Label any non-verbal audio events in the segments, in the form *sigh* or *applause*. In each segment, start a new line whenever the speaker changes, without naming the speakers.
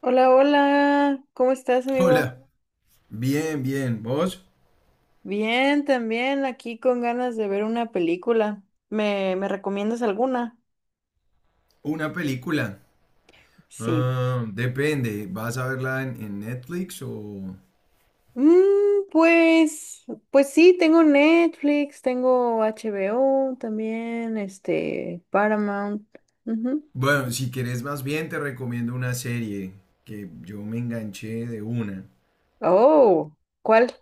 Hola, hola, ¿cómo estás, amigo?
Hola, bien, bien. ¿Vos?
Bien, también aquí con ganas de ver una película. ¿¿Me recomiendas alguna?
Una película.
Sí.
Ah, depende, ¿vas a verla en Netflix o...?
Mm, pues, pues sí, tengo Netflix, tengo HBO también, este, Paramount. Ujú.
Bueno, si querés más bien te recomiendo una serie que yo me enganché de una.
Oh, ¿cuál?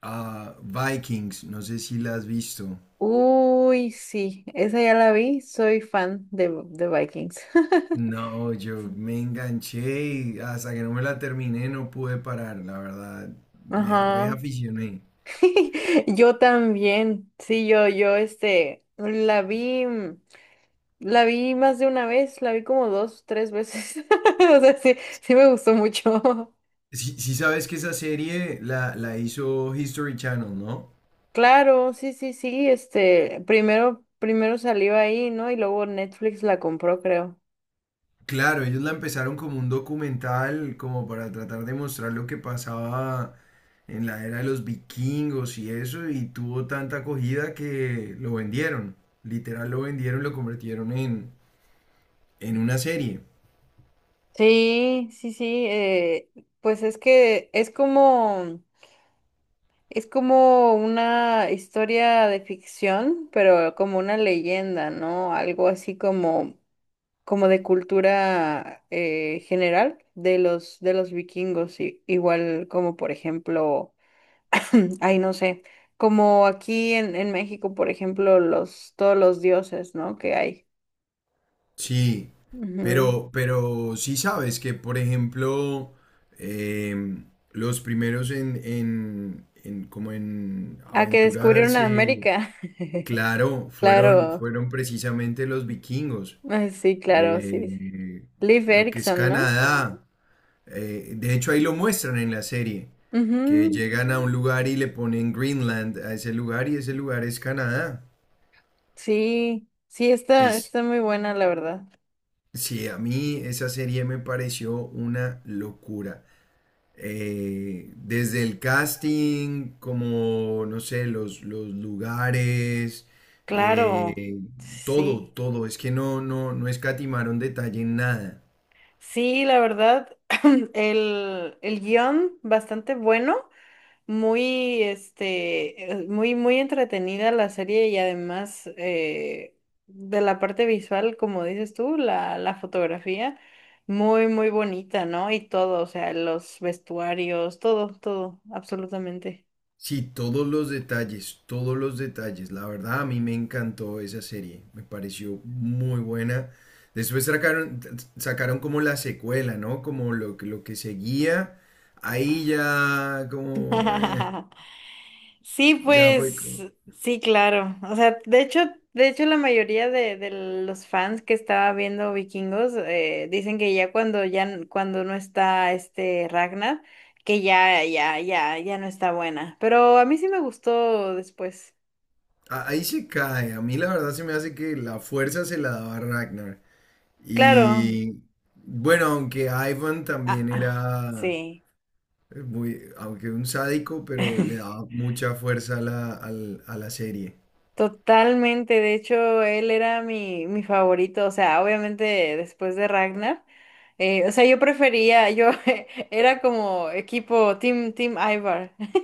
Ah, Vikings, no sé si la has visto.
Uy, sí, esa ya la vi, soy fan de Vikings. *laughs*
No, yo me enganché y hasta que no me la terminé no pude parar, la verdad. Me
Ajá.
reaficioné.
*laughs* Yo también, sí, la vi, la vi más de una vez, la vi como dos, tres veces, *laughs* o sea, sí, sí me gustó mucho. *laughs*
Si, si sabes que esa serie la hizo History Channel, ¿no?
Claro, sí, sí, sí, primero salió ahí, ¿no? Y luego Netflix la compró, creo.
Claro, ellos la empezaron como un documental, como para tratar de mostrar lo que pasaba en la era de los vikingos y eso, y tuvo tanta acogida que lo vendieron. Literal lo vendieron, lo convirtieron en una serie.
Sí, sí, sí, pues es que es como, una historia de ficción, pero como una leyenda, ¿no? Algo así como de cultura general de los vikingos, igual como por ejemplo, *clears throat* ay, no sé, como aquí en México, por ejemplo, todos los dioses, ¿no? que hay.
Sí,
Ujú.
pero sí sabes que, por ejemplo, em, los primeros en como en
Ah, que descubrieron
aventurarse,
América. *laughs*
claro, fueron,
Claro,
fueron precisamente los vikingos.
ah, sí, claro, sí, sí.
Eh,
Liv
lo que es
Erikson, ¿no?
Canadá. De hecho, ahí lo muestran en la serie, que
Ujú.
llegan a un lugar y le ponen Greenland a ese lugar y ese lugar es Canadá.
Sí, sí, está,
Es,
está muy buena, la verdad.
sí, a mí esa serie me pareció una locura. Desde el casting, como, no sé, los lugares,
Claro,
eh, todo,
sí.
todo. Es que no escatimaron detalle en nada.
Sí, la verdad, *clears throat* el guión bastante bueno, muy, muy, muy entretenida la serie y además de la parte visual, como dices tú, la fotografía, muy, muy bonita, ¿no? Y todo, o sea, los vestuarios, todo, todo, absolutamente.
Sí, todos los detalles, todos los detalles. La verdad, a mí me encantó esa serie. Me pareció muy buena. Después sacaron, Sacaron como la secuela, ¿no? Como lo que seguía. Ahí ya, como,
*laughs* Sí,
ya fue.
pues sí, claro. O sea, de hecho la mayoría de los fans que estaba viendo Vikingos dicen que ya cuando cuando no está este Ragnar, que ya ya ya ya no está buena. Pero a mí sí me gustó después.
Ahí se cae. A mí la verdad se me hace que la fuerza se la daba Ragnar.
Claro.
Y bueno, aunque Ivan
Ah,
también
ah,
era
sí.
muy, aunque un sádico, pero le
*laughs*
daba mucha fuerza a a la serie.
Totalmente, de hecho, él era mi favorito, o sea, obviamente después de Ragnar, o sea, yo *laughs* era como equipo Team Ivar. *laughs*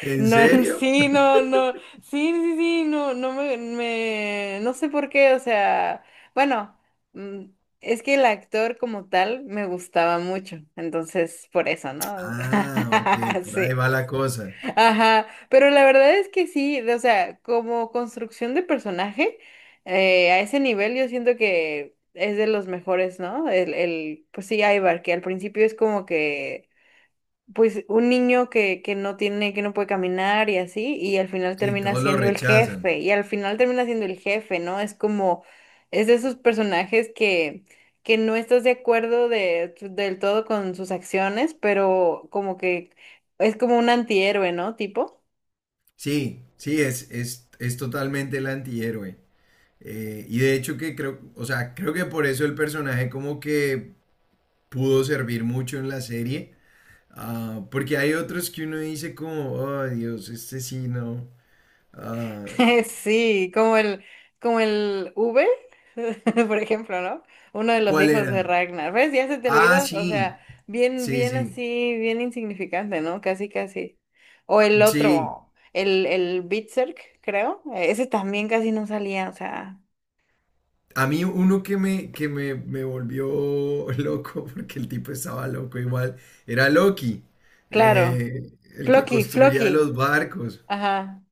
¿En
No,
serio?
sí, no, no, sí, sí, sí, no, no no sé por qué, o sea, bueno, mm, es que el actor como tal me gustaba mucho, entonces por eso, ¿no?
Ah, ok,
*laughs*
por ahí
Sí.
va la cosa.
Ajá, pero la verdad es que sí, o sea, como construcción de personaje, a ese nivel yo siento que es de los mejores, ¿no? Pues sí, Ivar, que al principio es como que, pues un niño que no tiene, que no puede caminar y así, y al final
Sí,
termina
todos lo
siendo el
rechazan.
jefe, y al final termina siendo el jefe, ¿no? Es de esos personajes que no estás de acuerdo del todo con sus acciones, pero como que es como un antihéroe, ¿no? Tipo.
Sí, sí, es totalmente el antihéroe. Y de hecho que creo, o sea, creo que por eso el personaje como que pudo servir mucho en la serie. Ah, porque hay otros que uno dice como, oh Dios, este sí no. Ah,
*laughs* Sí, como el V, *laughs* por ejemplo, ¿no? Uno de los
¿cuál
hijos de
era?
Ragnar. ¿Ves? Ya se te
Ah,
olvidó. O sea,
sí,
bien,
sí,
bien
sí,
así, bien insignificante, ¿no? Casi, casi. O el
sí.
otro, el Berserk, creo. Ese también casi no salía, o sea,
A mí uno que me volvió *laughs* loco, porque el tipo estaba loco igual, era Loki,
claro.
eh, el que
Floki,
construía los
Floki.
barcos.
Ajá.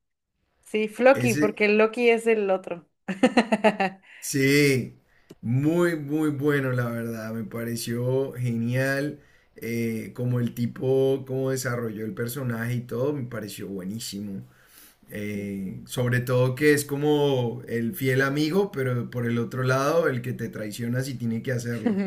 Sí, Floki,
Ese,
porque Loki es el otro. *laughs*
sí, muy, muy bueno, la verdad. Me pareció genial. Como el tipo, cómo desarrolló el personaje y todo, me pareció buenísimo. Sobre todo que es como el fiel amigo, pero por el otro lado, el que te traiciona si tiene que hacerlo.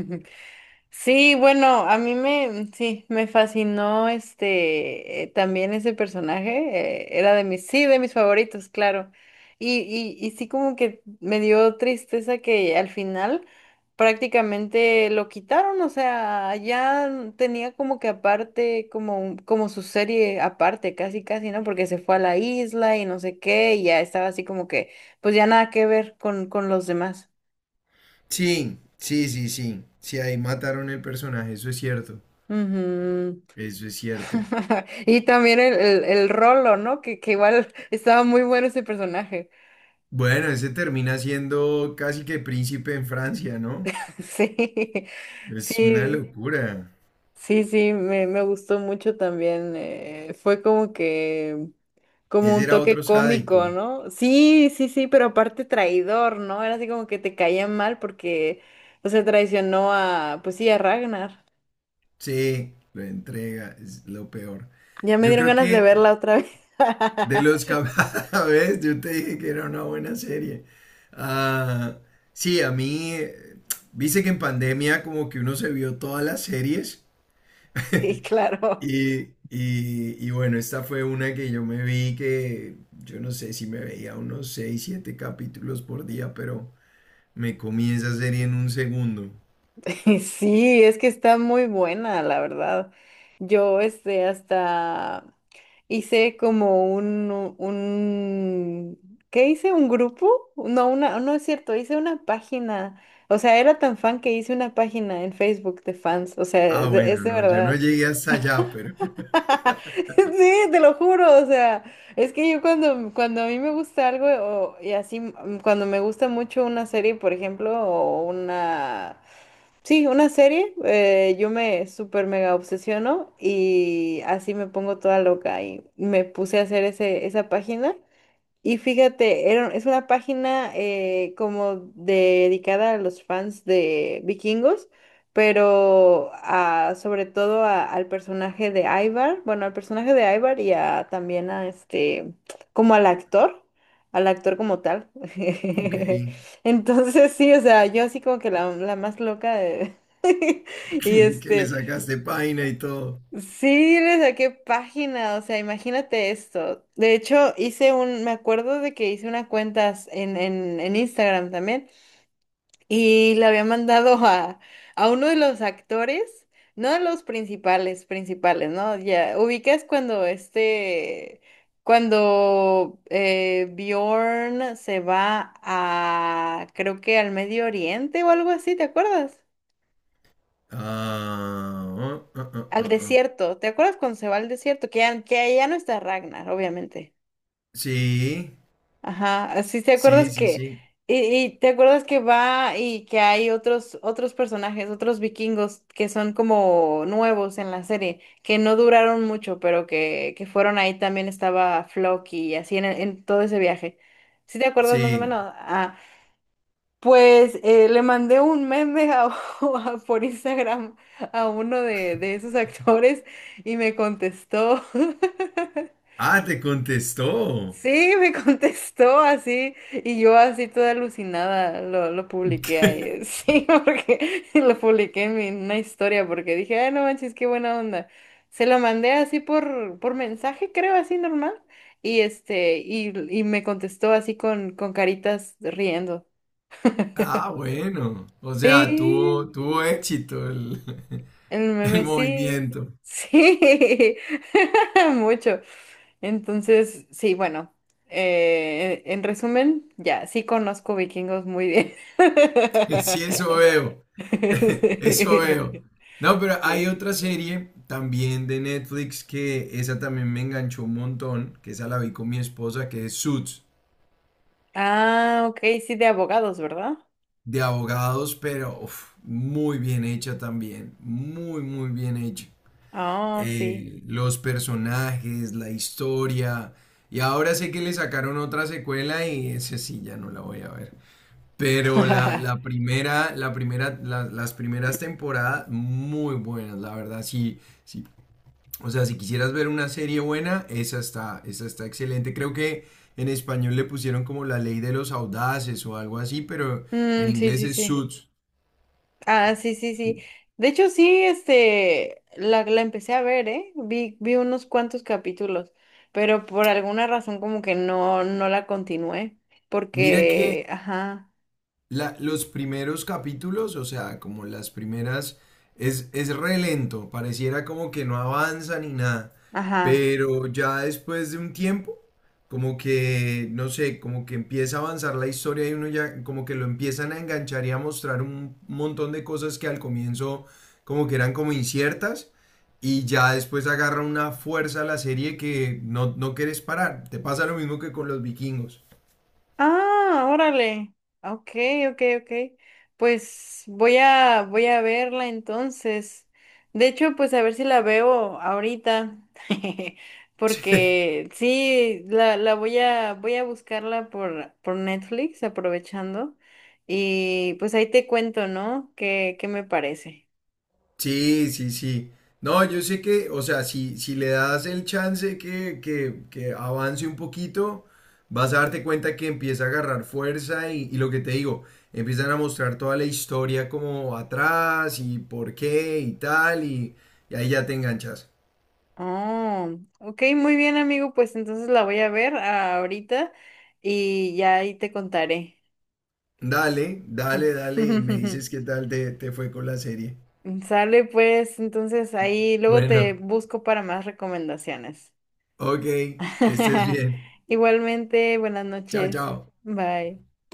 Sí, bueno, a mí me, sí, me fascinó también ese personaje, era de mis, sí, de mis favoritos, claro. Y sí como que me dio tristeza que al final prácticamente lo quitaron, o sea, ya tenía como que aparte, como, como su serie aparte, casi, casi, ¿no? Porque se fue a la isla y no sé qué, y ya estaba así como que, pues ya nada que ver con los demás.
Sí, sí, sí, sí. Sí, ahí mataron el personaje, eso es cierto.
Ujú.
Eso es cierto.
*laughs* Y también el Rolo, ¿no? Que igual estaba muy bueno ese personaje. *laughs*
Bueno, ese termina siendo casi que príncipe en Francia, ¿no?
Sí,
Es una
sí,
locura.
sí, sí, me gustó mucho también. Fue como que, como
Ese
un
era
toque
otro
cómico,
sádico.
¿no? Sí, sí, sí, pero aparte traidor, ¿no? Era así como que te caía mal porque, o sea, traicionó a, pues sí, a Ragnar.
Sí, lo entrega, es lo peor.
Ya me
Yo
dieron
creo
ganas de
que
verla otra vez.
de los
*laughs*
a *laughs* ¿ves? Yo te dije que era una buena serie. Ah, sí, a mí, viste que en pandemia como que uno se vio todas las series. *laughs*
Sí, claro.
Y, y bueno, esta fue una que yo me vi que yo no sé si me veía unos 6 7 capítulos por día, pero me comí esa serie en un segundo.
*laughs* Sí, es que está muy buena, la verdad. Yo, hasta hice como ¿qué hice? ¿Un grupo? No, una, no es cierto, hice una página. O sea, era tan fan que hice una página en Facebook de fans. O sea,
Ah,
es
bueno,
de
no, yo no
verdad.
llegué hasta allá, pero
*laughs* Sí, te lo juro. O sea, es que yo cuando a mí me gusta algo y así, cuando me gusta mucho una serie, por ejemplo, o una sí, una serie, yo me súper mega obsesiono y así me pongo toda loca y me puse a hacer esa página. Y fíjate, era, es una página como dedicada a los fans de Vikingos, pero sobre todo al personaje de Ivar, bueno, al personaje de Ivar y a, también a este, como al actor, como tal.
*laughs* ok, *laughs*
*laughs* Entonces sí, o sea, yo así como que la más loca y
que le sacaste página y todo.
sí, le saqué página, o sea, imagínate esto. De hecho, hice me acuerdo de que hice una cuenta en Instagram también y la había mandado a uno de los actores, no a los principales, principales, ¿no? Ya, ubicas cuando Bjorn se va a, creo que al Medio Oriente o algo así, ¿te acuerdas?
Ah, ah, ah, ah,
Al
ah. Ah.
desierto, ¿te acuerdas cuando se va al desierto? Que ya no está Ragnar, obviamente.
Sí,
Ajá, así te
sí,
acuerdas
sí,
que,
sí,
y, y te acuerdas que va y que hay otros personajes, otros vikingos que son como nuevos en la serie, que no duraron mucho, pero que fueron ahí también estaba Floki y así en todo ese viaje. ¿Sí te acuerdas más o
sí.
menos? Ah, pues le mandé un meme *laughs* por Instagram a uno de esos actores y me contestó. *laughs*
Ah, te contestó.
Sí, me contestó así y yo así toda alucinada lo publiqué ahí. *laughs* Sí, porque lo publiqué en en una historia porque dije, ay, no manches, qué buena onda. Se lo mandé así por mensaje, creo, así normal. Y este, y, y me contestó así con caritas riendo.
Ah, bueno, o sea, tuvo,
Sí.
tuvo éxito el...
El
*laughs* El
meme sí,
movimiento.
sí, *laughs* mucho. Entonces, sí, bueno, en resumen, ya, sí conozco vikingos muy bien.
*laughs* Sí, eso veo. *laughs*
*laughs*
Eso veo. No, pero hay
Sí.
otra serie también de Netflix que esa también me enganchó un montón, que esa la vi con mi esposa, que es Suits,
Ah, ok, sí, de abogados, ¿verdad?
de abogados, pero uf, muy bien hecha también. Muy, muy bien hecha.
Ah, sí.
Los personajes, la historia. Y ahora sé que le sacaron otra secuela y ese sí ya no la voy a ver. Pero
*laughs*
la primera, las primeras temporadas muy buenas, la verdad, sí, sí. O sea, si quisieras ver una serie buena, esa está excelente. Creo que en español le pusieron como la ley de los audaces o algo así, pero en
Mm, sí,
inglés
sí,
es
sí.
Suits.
Ah, sí, sí, sí. De hecho, sí, la empecé a ver, ¿eh? Vi unos cuantos capítulos, pero por alguna razón como que no la continué,
Mira
porque,
que
ajá,
los primeros capítulos, o sea, como las primeras, es re lento, pareciera como que no avanza ni nada,
ajá.
pero ya después de un tiempo, como que, no sé, como que empieza a avanzar la historia y uno ya, como que lo empiezan a enganchar y a mostrar un montón de cosas que al comienzo como que eran como inciertas. Y ya después agarra una fuerza la serie que no, no quieres parar. Te pasa lo mismo que con los vikingos.
Ah, órale. Ok, ok, ok. Pues voy a verla entonces. De hecho, pues a ver si la veo ahorita. *laughs*
*laughs*
Porque sí, la voy a buscarla por Netflix, aprovechando. Y pues ahí te cuento, ¿no? ¿Qué me parece?
Sí, sí, sí. No, yo sé que, o sea, si, si le das el chance que avance un poquito, vas a darte cuenta que empieza a agarrar fuerza y lo que te digo, empiezan a mostrar toda la historia como atrás y por qué y tal, y ahí ya te enganchas.
Oh, ok, muy bien, amigo. Pues entonces la voy a ver ahorita y ya ahí te contaré.
Dale, dale, dale, y me dices
*laughs*
qué tal te fue con la serie.
Sale pues, entonces ahí luego te
Bueno,
busco para más recomendaciones.
ok, que estés
*laughs*
bien.
Igualmente, buenas
Chao,
noches.
chao.
Bye.